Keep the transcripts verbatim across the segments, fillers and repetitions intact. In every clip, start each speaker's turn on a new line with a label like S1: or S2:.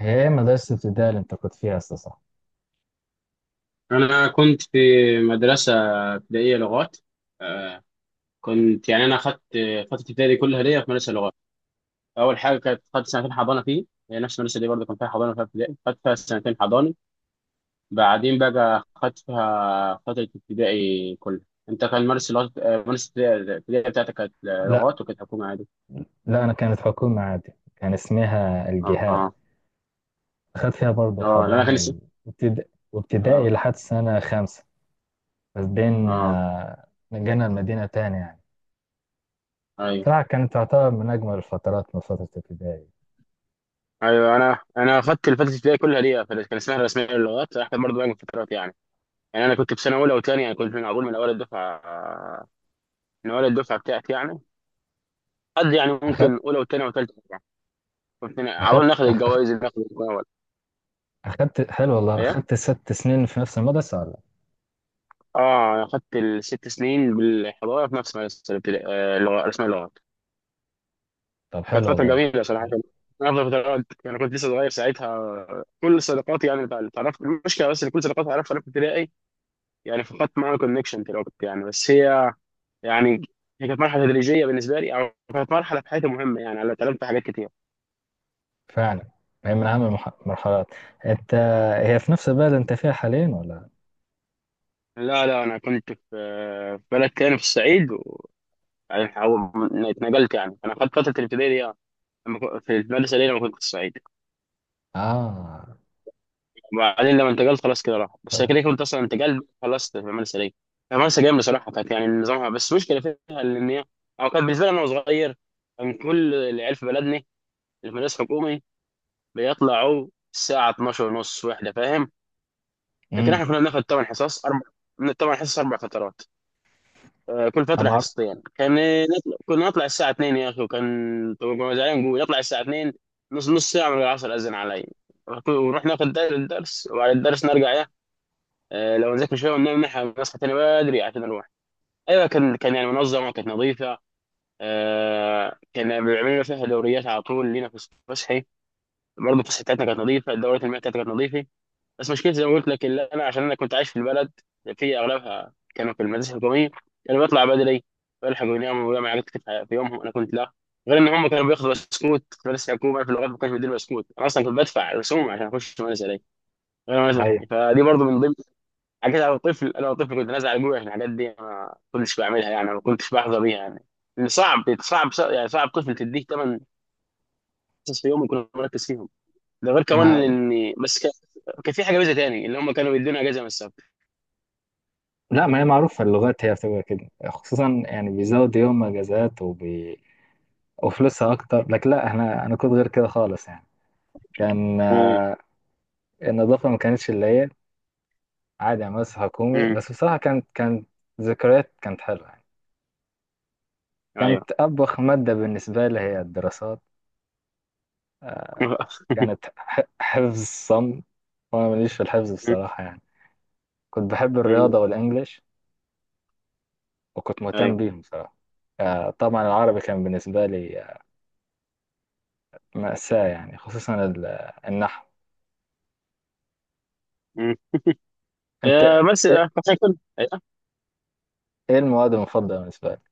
S1: هي مدرسة ابتدائي اللي أنت كنت فيها أساسا صح؟
S2: أنا كنت في مدرسة ابتدائية لغات آه، كنت يعني أنا أخدت فترة ابتدائي كلها ليا في مدرسة لغات. أول حاجة كانت خدت سنتين حضانة فيه، هي نفس المدرسة دي برضه كان فيها حضانة وفيها ابتدائي، خدت فيها سنتين حضانة، بعدين بقى خدت فيها فترة ابتدائي كلها. أنت كان مدرسة لغات آه، مدرسة الابتدائي بتاعتك كانت
S1: لا،
S2: لغات وكانت حكومة عادي؟
S1: لا، أنا كانت حكومة عادي، كان اسمها
S2: أه
S1: الجهاد.
S2: أه.
S1: أخدت فيها برضه
S2: آه، لا، أنا كان
S1: حضانة
S2: لسه.
S1: و- وابتدا- وابتدائي
S2: أه
S1: لحد سنة خامسة. بس بين
S2: أه.
S1: آه، نقلنا المدينة تاني يعني.
S2: أيوه
S1: صراحة كانت تعتبر من أجمل الفترات، من فترة ابتدائي.
S2: أيوه. أنا أنا أخدت الفترة الابتدائية كلها ليا، كان اسمها الرسمية للغات، أحسن برضه بقى من فترات يعني يعني انا كنت في سنه اولى وثانيه، يعني كنت من اقول من اول الدفعه من اول الدفعه بتاعتي يعني. قد يعني
S1: أخدت
S2: ممكن اولى وثانيه وثالثه يعني، كنت على
S1: أخدت
S2: طول ناخد
S1: أخ-
S2: الجوائز اللي ناخد الاول.
S1: أخدت حلو والله،
S2: ايه.
S1: أخدت ست سنين في نفس المدرسة ولا؟
S2: اه اخدت الست سنين بالحضاره في نفس مدرسه الابتدائي، آه، لغة- رسم اللغات.
S1: طب
S2: كانت
S1: حلو
S2: فتره
S1: والله.
S2: جميله صراحه، من افضل فترات. انا كنت لسه صغير ساعتها، كل صداقاتي يعني اللي تعرفت. المشكله بس ان كل صداقاتي اعرفها انا في ابتدائي، يعني فقدت معاهم كونكشن في الوقت يعني. بس هي يعني هي كانت مرحله تدريجيه بالنسبه لي، او كانت مرحله في حياتي مهمه، يعني انا اتعلمت حاجات كتير.
S1: فعلا، هي من أهم المرحلات. أنت هي في نفس البلد أنت فيها حاليا ولا؟
S2: لا لا، انا كنت في في بلد تاني في الصعيد و... يعني حاول- اتنقلت. يعني انا خدت فتره الابتدائي دي يعني لما كنت- في المدرسه دي لما كنت في الصعيد،
S1: آه.
S2: وبعدين لما انتقلت خلاص كده راح. بس كده كنت اصلا انتقلت خلصت في المدرسه دي. المدرسه جامده صراحه، كانت يعني نظامها، بس مشكله فيها ان هي او كان بالنسبه لي انا صغير. كان كل العيال في بلدنا اللي في مدرسه حكومي بيطلعوا الساعه اتناشر ونص واحده، فاهم؟ لكن
S1: امم.
S2: احنا كنا بناخد ثمان حصص اربع، من الثمان حصص اربع فترات، آه، كل
S1: انا
S2: فترة
S1: معروف.
S2: حصتين. كان نطلع كنا نطلع الساعة اتنين يا أخي، وكان طبعا زعلان نقول نطلع الساعة اتنين نص نص ساعة من العصر أذن علي. ونكون- ونروح ناخذ دار الدرس، وبعد الدرس نرجع، يا آه، لو نذاكر شوية وننام، نح- نصحى تاني بدري عشان نروح. أيوة كان كان يعني منظمة، كانت نظيفة. آه، كان بيعملوا لنا فيها دوريات على طول، لينا في الصبح صحي برضه، تصحيحاتنا كانت نظيفة، الدورات المياه بتاعتنا كانت نظيفة. بس مشكلتي زي ما قلت لك، اللي انا عشان انا كنت عايش في البلد، في اغلبها كانوا في المدارس الحكوميه، انا بطلع بدري. والحق يناموا ويعمل حاجات كتير في في يومهم انا كنت لا. غير ان هم كانوا بياخدوا بسكوت في مدرسه الحكومه، في اللغات ما كانش بيديني بسكوت، انا اصلا كنت بدفع رسوم عشان اخش المدرسه دي غير المدرسة.
S1: ايوه.
S2: فدي برضو من ضمن حاجات، انا طفل انا طفل كنت نازل على ابويا عشان الحاجات دي ما كنتش بعملها يعني، ما كنتش بحظى بيها يعني. لأن صعب صعب صعب- يعني صعب طفل تديه ثمن حصص في يوم يكون مركز فيهم. ده غير كمان
S1: ما
S2: ان بس كان كان في حاجه ميزه تاني اللي هم كانوا بيدونا اجازه من السفر.
S1: لا، ما هي معروفه، اللغات هي بتبقى كده، خصوصا يعني بيزود يوم اجازات وبي... وفلوسها اكتر. لكن لا، احنا انا كنت غير كده خالص يعني. كان
S2: مم.
S1: آه، النظافه ما كانتش اللي هي عادي، يعني مدرسه حكومي.
S2: مم.
S1: بس بصراحه كانت كانت ذكريات، كانت حلوه يعني.
S2: ايوه.
S1: كانت ابخ ماده بالنسبه لي هي الدراسات، كانت ح- حفظ صم، وانا ماليش في الحفظ بصراحه يعني. كنت بحب
S2: مم.
S1: الرياضه والانجليش، وكنت مهتم
S2: ايوه.
S1: بيهم بصراحه. آه، طبعا العربي كان بالنسبة لي مأساة يعني، خصوصا ال- النحو.
S2: مم.
S1: انت
S2: آه، بس
S1: ايه؟
S2: آه، عشان كده أيوة.
S1: إيه المواد المفضلة بالنسبة لك؟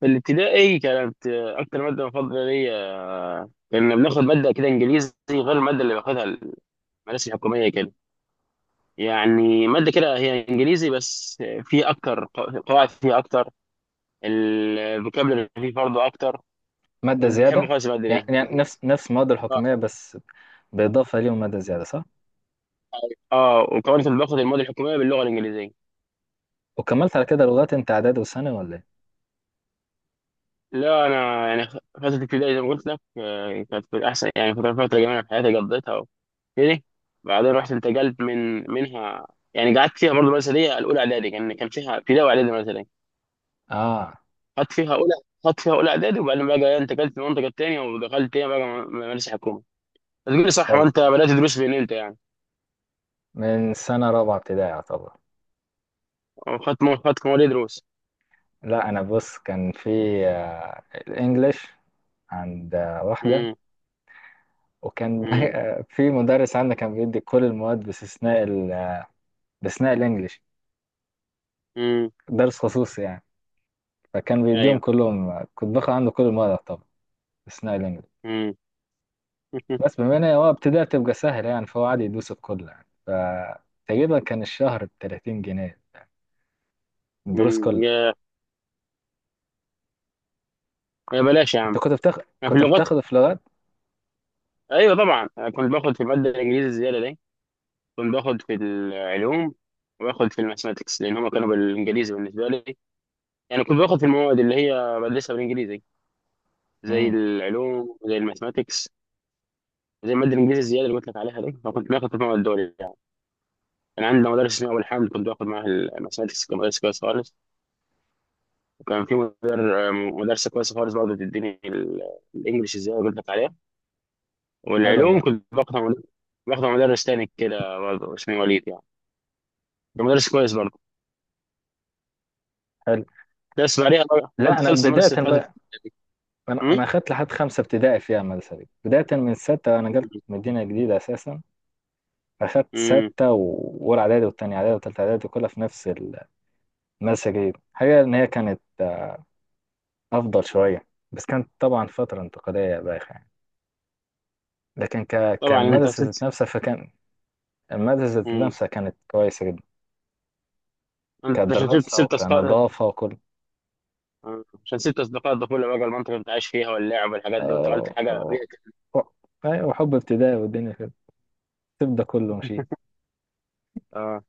S2: في الابتدائي كانت آه، اكتر ماده مفضله ليا، آه، كنا بناخد ماده كده انجليزي غير الماده اللي باخدها المدارس الحكوميه كده. يعني ماده كده هي انجليزي بس آه، في اكتر قو- قواعد فيها اكتر، الفوكابلري فيه برضه اكتر.
S1: مادة
S2: كنت بحب
S1: زيادة
S2: خالص الماده
S1: يعني،
S2: دي.
S1: يعني نفس نفس المواد
S2: اه.
S1: الحكومية، بس بإضافة ليهم مادة زيادة، صح؟
S2: آه، وكمان كنت باخد المواد الحكوميه باللغه الانجليزيه.
S1: وكملت على كده لغات انت إعدادي وثانوي ولا ايه؟
S2: لا انا يعني فتره الابتدائي زي ما قلت لك آه، كانت في الاحسن، يعني فتره فتره جميله في حياتي قضيتها وكده. بعدين رحت انتقلت من منها، يعني قعدت فيها برضه مثليه الاولى اعدادي. كان كان فيها ابتدائي واعدادي مثليه.
S1: اه
S2: خدت فيها اولى خدت فيها اولى اعدادي، وبعدين بقى إيه، انتقلت للمنطقه الثانيه ودخلت تاني بقى م- مدرسه حكومه. تقول لي صح
S1: حلو.
S2: وانت بدات تدرس فين انت يعني.
S1: من سنة رابعة ابتدائي يعتبر.
S2: خدت خدت مواد دروس.
S1: لا، انا بص، كان في آه، الانجليش عند آه، واحدة.
S2: امم.
S1: وكان
S2: امم.
S1: آه، في مدرس عندنا كان بيدي كل المواد باستثناء ال- آه، باستثناء الانجليش،
S2: امم.
S1: درس خصوصي يعني. فكان بيديهم
S2: ايوه.
S1: كلهم، آه، كنت باخد عنده كل المواد طبعا اثناء الانجليزي.
S2: امم.
S1: بس بما ان هو ابتدى تبقى سهله يعني، فهو عادي يدوس الكل يعني. فتقريبا كان الشهر ب ثلاثين جنيه، الدروس
S2: امم.
S1: كلها.
S2: يا يا بلاش يا
S1: انت
S2: عم.
S1: كنت بتاخد
S2: أنا في
S1: كنت
S2: اللغات،
S1: بتاخده في لغات؟
S2: ايوه طبعا، أنا كنت باخد في الماده الانجليزي الزياده دي، كنت باخد في العلوم، وباخد في الماثماتكس لان هم كانوا بالانجليزي بالنسبه لي. يعني كنت باخد في المواد اللي هي بدرسها بالانجليزي، زي
S1: امم.
S2: العلوم زي الماثماتكس زي الماده الانجليزي الزياده اللي قلت لك عليها دي، فكنت باخد في المواد دول يعني. كان عندنا مدرس اسمه ابو الحمد، كنت باخد معاه الماثماتكس، كان مدرس كويس خالص. وكان في مدر مدرسه كويسه خالص برضه بتديني ال- الانجليش الزياده اللي قلت لك عليها.
S1: حلو
S2: والعلوم
S1: والله.
S2: كنت باخدها مدرس باخدها مدرس تاني كده برضه اسمه وليد يعني، كان مدرس كويس برضه.
S1: حلو.
S2: بس بعدها بقى-
S1: لا، انا
S2: خلصت
S1: بدايه
S2: المدرسه اللي
S1: بقى، انا انا
S2: فاتت.
S1: اخدت لحد خمسه ابتدائي فيها المدرسه دي، بدايه من سته انا جبت مدينه جديده اساسا. اخدت
S2: امم.
S1: سته و- واولى اعدادي والتانية اعدادي والتالتة اعدادي كلها في نفس المدرسه الجديده. حاجه ان هي كانت افضل شويه، بس كانت طبعا فتره انتقاليه بايخه يعني. لكن ك...
S2: طبعا انت
S1: كالمدرسة ذات
S2: سبت.
S1: نفسها، فكان المادة ذات
S2: امم.
S1: نفسها كانت كويسة جدا،
S2: انت عشان سبت
S1: كدراسة
S2: سبت اصدقاء.
S1: وكنظافة وكل.
S2: آه. عشان سبت اصدقاء الطفوله بقى، المنطقه اللي انت عايش فيها واللعب والحاجات دي، وانتقلت
S1: آه،
S2: حاجه
S1: و-
S2: بيئتك.
S1: و- أيوة، وحب ابتدائي والدنيا كده، الطب ده كله مشي.
S2: اه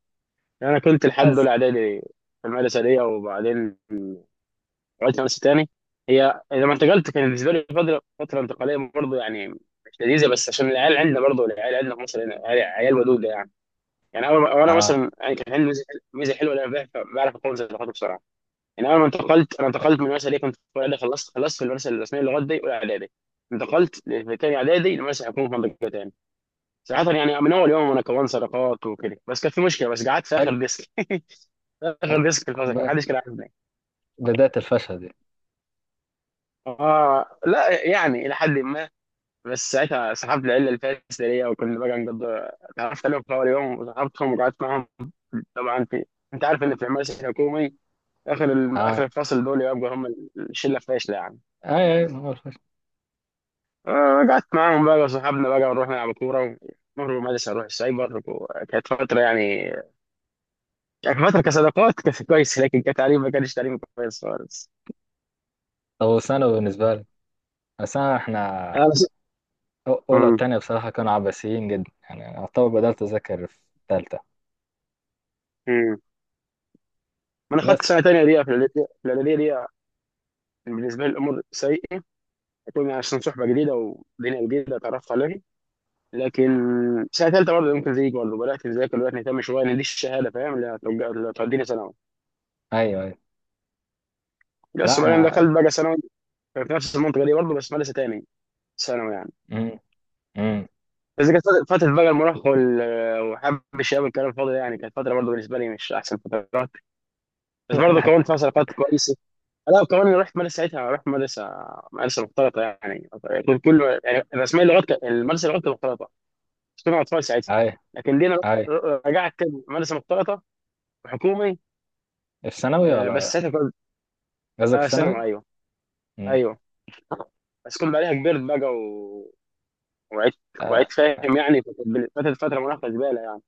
S2: انا كنت لحد
S1: بس
S2: اولى اعدادي في المدرسه دي، وبعدين رجعت مدرسه تاني. هي لما انتقلت كان بالنسبه لي فتره فتره انتقاليه برضه يعني مش لذيذه، بس عشان العيال عندنا برضه، العيال عندنا في مصر هنا عيال عيال ودوده يعني. يعني انا أنا
S1: اه،
S2: مثلا يعني كان عندي ميزه ميزة حلوه، إن انا بعرف بعرف اكون صداقات بسرعه. يعني انا لما انتقلت، انا انتقلت من المدرسه اللي كنت في اولى اعدادي، خلصت خلصت في المدرسه الرسميه للغات دي اولى اعدادي. انتقلت في تاني اعدادي المدرسه حكومه في منطقه تاني، صراحه يعني من اول يوم انا كونت صداقات وكده. بس كان في مشكله، بس قعدت في
S1: حل,
S2: اخر ديسك.
S1: حل.
S2: اخر ديسك في الفصل كان
S1: ب-
S2: محدش كان عارفني.
S1: بداية الفشل دي.
S2: اه لا يعني الى حد ما. بس ساعتها سحبت العيله الفاسده ليا، وكنا بقى نقضي، تعرفت عليهم في اول يوم وسحبتهم وقعدت معاهم. طبعا في، انت عارف ان في المدرسه الحكومي، اخر ال... اخر
S1: اه،
S2: الفصل دول يبقوا هم الشله الفاشله يعني.
S1: اي اي هو الفشل.
S2: آه، قعدت معاهم بقى صحابنا بقى، ونروح نلعب كورة، ونهرب من المدرسة نروح السايبر. وكانت فترة يعني كانت فترة كصداقات كانت كويسة، لكن كتعليم ما كانش تعليم كويس خالص.
S1: طب وثانوي بالنسبة لي، الثانوي احنا
S2: أنا س...
S1: أو- أولى
S2: مم.
S1: وتانية بصراحة كانوا عباسيين جدا يعني، أعتبر بدأت أذاكر في تالتة.
S2: مم. ما أنا خدت
S1: بس
S2: سنة تانية دي في الإعدادية في الإعدادية دي كان بالنسبة لي الأمور سيئة، كنا عشان صحبة جديدة ودنيا جديدة اتعرفت عليها. لكن سنة تالتة برضه ممكن زيك برضه بدأت أذاكر، بدأت نهتم شوية إن دي الشهادة، فاهم؟ اللي هتوجه- اللي هتوديني ثانوي.
S1: أيوه، أيوه.
S2: بس
S1: لا،
S2: بعدين
S1: أنا.
S2: دخلت بقى ثانوي في نفس المنطقة دي برضه، بس مدرسة تاني ثانوي يعني.
S1: مم. مم.
S2: بس كانت فترة فترة بقى المراهقة وال- وحب الشباب والكلام الفاضي ده يعني، كانت فترة برضه بالنسبة لي مش أحسن فترات، بس برضه كونت فترات كويسة. لا كمان رحت مدرسة ساعتها، رحت مدرسة مدرسة مختلطة يعني. كنت كله يعني رسميا اللغات كانت- المدرسة اللغات كانت مختلطة، بس كنا أطفال ساعتها،
S1: أي،
S2: لكن دينا
S1: أي.
S2: رحت- رجعت كده مدرسة مختلطة حكومي.
S1: في ثانوي
S2: آه، بس
S1: ولا؟
S2: ساعتها كنت.
S1: قصدك
S2: آه
S1: في ثانوي؟
S2: ثانوي أيوه.
S1: مم.
S2: أيوه. بس كنت بعدها كبرت بقى و... وعدت
S1: آه،
S2: وعدت فاهم يعني، فكانت فترة فترة مراهقة زبالة يعني.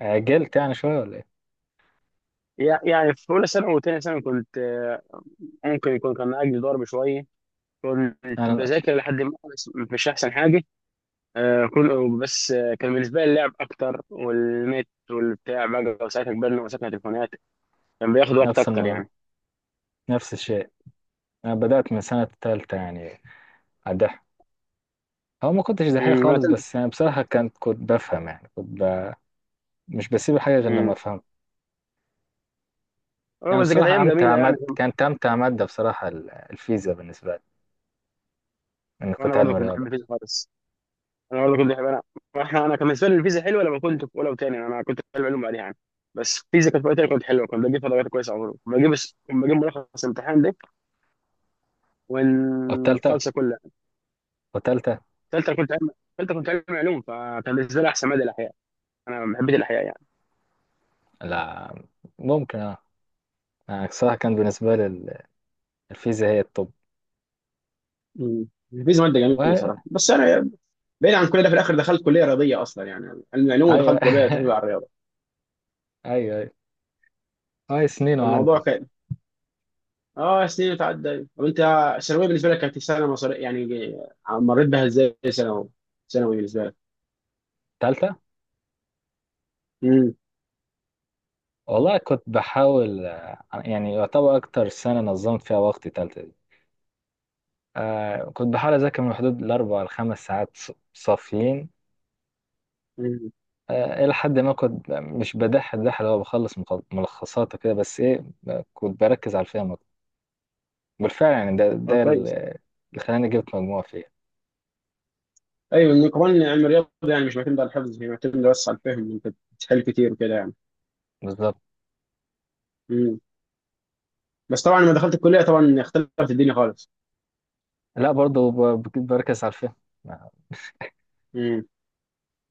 S1: عجلت يعني شوية ولا إيه؟
S2: يع- يعني في اولى ثانوي وثانيه ثانوي كنت آه، ممكن يكون كان اجلي ضرب شويه، كنت
S1: أنا
S2: بذاكر لحد ما، بس مش احسن حاجه. آه، كل بس آه، كان بالنسبه لي اللعب اكتر والنت والبتاع بقى، وساعتها كبرنا ومسكنا تليفونات، كان بياخد وقت
S1: نفس
S2: اكتر
S1: الموضوع،
S2: يعني.
S1: نفس الشيء، أنا بدأت من سنة تالتة يعني. أدح هو ما كنتش دحيح
S2: امم. انا
S1: خالص،
S2: تلت
S1: بس يعني بصراحة كنت كنت بفهم يعني، كنت ب... مش بسيب حاجة غير لما
S2: امم.
S1: أفهم.
S2: اه
S1: يعني
S2: بس كانت
S1: بصراحة
S2: ايام جميله
S1: أمتع
S2: يعني.
S1: مادة، كانت أمتع مادة بصراحة ال- الفيزياء بالنسبة لي، إني
S2: وانا
S1: كنت علم
S2: برضه كنت
S1: رياضة.
S2: بحب الفيزياء خالص. انا برضه كنت بحب انا احنا انا كان بالنسبه لي الفيزياء حلوه، لما كنت في اولى وثانيه انا كنت في علوم بعدها يعني. بس الفيزياء كانت في وقتها كنت حلوه، كنت بجيب فيها درجات كويسه. عمره كنت بجيب كنت بجيب ملخص الامتحان
S1: والتالتة
S2: والخالصه كلها.
S1: والتالتة
S2: ثالثه كنت علم ثالثه كنت علم علوم، فكان بالنسبه لي احسن ماده الاحياء، انا حبيت الاحياء يعني.
S1: لا، ممكن أه، يعني بصراحة كان بالنسبة لي ال- الفيزياء هي الطب.
S2: مم. الفيزياء ماده جميله
S1: وهي
S2: صراحه، بس انا بعيد عن كل ده، في الاخر دخلت كليه رياضيه اصلا يعني، علم علوم
S1: هي
S2: ودخلت كليه تربيه على الرياضه.
S1: أيوه، أيوه، هاي سنين
S2: فالموضوع
S1: وعدت.
S2: كان، اه سنين اتعدى. طب انت الثانويه بالنسبه لك كانت سنه مصريه يعني، مريت بها ازاي ثانوي؟ ثانوي بالنسبه لك.
S1: تالتة
S2: امم.
S1: والله، كنت بحاول آه، يعني يعتبر أكتر سنة نظمت فيها وقتي تالتة دي. آه كنت بحاول أذاكر من حدود الأربع لخمس ساعات ص- صافيين.
S2: امم.
S1: آه إلى حد ما كنت مش بدح الدح اللي هو بخلص مخ- ملخصات وكده، بس إيه، آه، كنت بركز على الفهم أكتر بالفعل. يعني ده
S2: اه
S1: ده ال-
S2: كويس.
S1: اللي خلاني جبت مجموعة فيها.
S2: ايوه إن كمان علم الرياضه يعني مش معتمد على الحفظ، هي معتمد بس على الفهم، انت بتحل كتير وكده
S1: بالظبط.
S2: يعني. بس طبعا لما دخلت الكليه طبعا اختلفت الدنيا خالص.
S1: لا، برضه ب- بركز على الفهم.
S2: امم.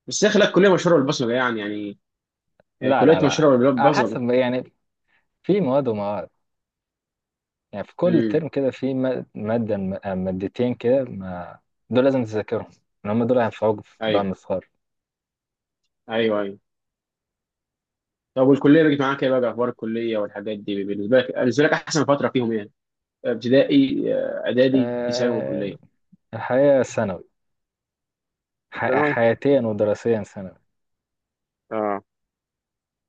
S2: بس يا اخي لا، الكليه مشهوره بالبصمجه، يعني يعني
S1: لا،
S2: كليه
S1: لا، لا،
S2: مشهوره
S1: على
S2: بالبصمجه.
S1: حسب يعني، في مواد ومواد. يعني في كل
S2: امم.
S1: ترم كده في م- مادة م- آه، مادتين كده، ما دول لازم تذاكرهم، لأن هم دول هينفعوك في- بقى
S2: ايوه.
S1: لما تتخرج.
S2: ايوه. ايوه. طب والكليه بقت معاك ايه بقى؟ اخبار الكليه والحاجات دي بالنسبه لك بالنسبه لك احسن فتره فيهم ايه؟ ابتدائي آه، اعدادي ثانوي كليه؟
S1: آه، الحياة ثانوي، ح-
S2: ثانوي
S1: حياتيا ودراسيا ثانوي.
S2: اه.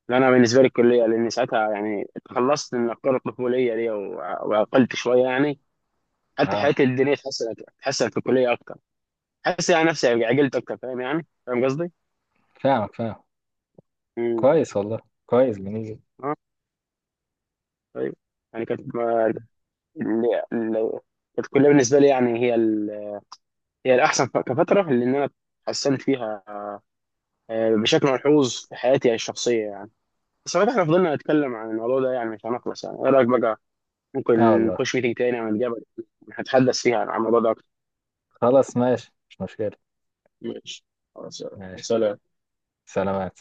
S2: لا انا بالنسبه لي الكليه، لان ساعتها يعني تخلصت من افكار الطفوليه دي و- وعقلت شويه يعني. حتى
S1: اه،
S2: حياتي الدينيه اتحسنت اتحسنت في الكليه اكتر. حاسس يعني نفسي عقلت اكتر، فاهم يعني؟ فاهم قصدي؟
S1: فاهمك، فاهم.
S2: امم.
S1: كويس والله، كويس. جميل جدا.
S2: ايوه. يعني كانت ما- ال- ال- كانت كلها بالنسبه لي يعني، هي ال... هي الاحسن ف- كفتره، لان انا اتحسنت فيها آه، بشكل ملحوظ في حياتي الشخصيه يعني. بس لو احنا فضلنا نتكلم عن الموضوع ده يعني مش هنخلص، يعني ايه رايك بقى،
S1: اه
S2: ممكن
S1: والله،
S2: نخش ميتنج تاني عن الجبل نتحدث فيها عن الموضوع ده اكتر.
S1: خلاص ماشي، مش مشكلة.
S2: ماشي. خلاص يلا.
S1: ماشي.
S2: سلام.
S1: سلامات.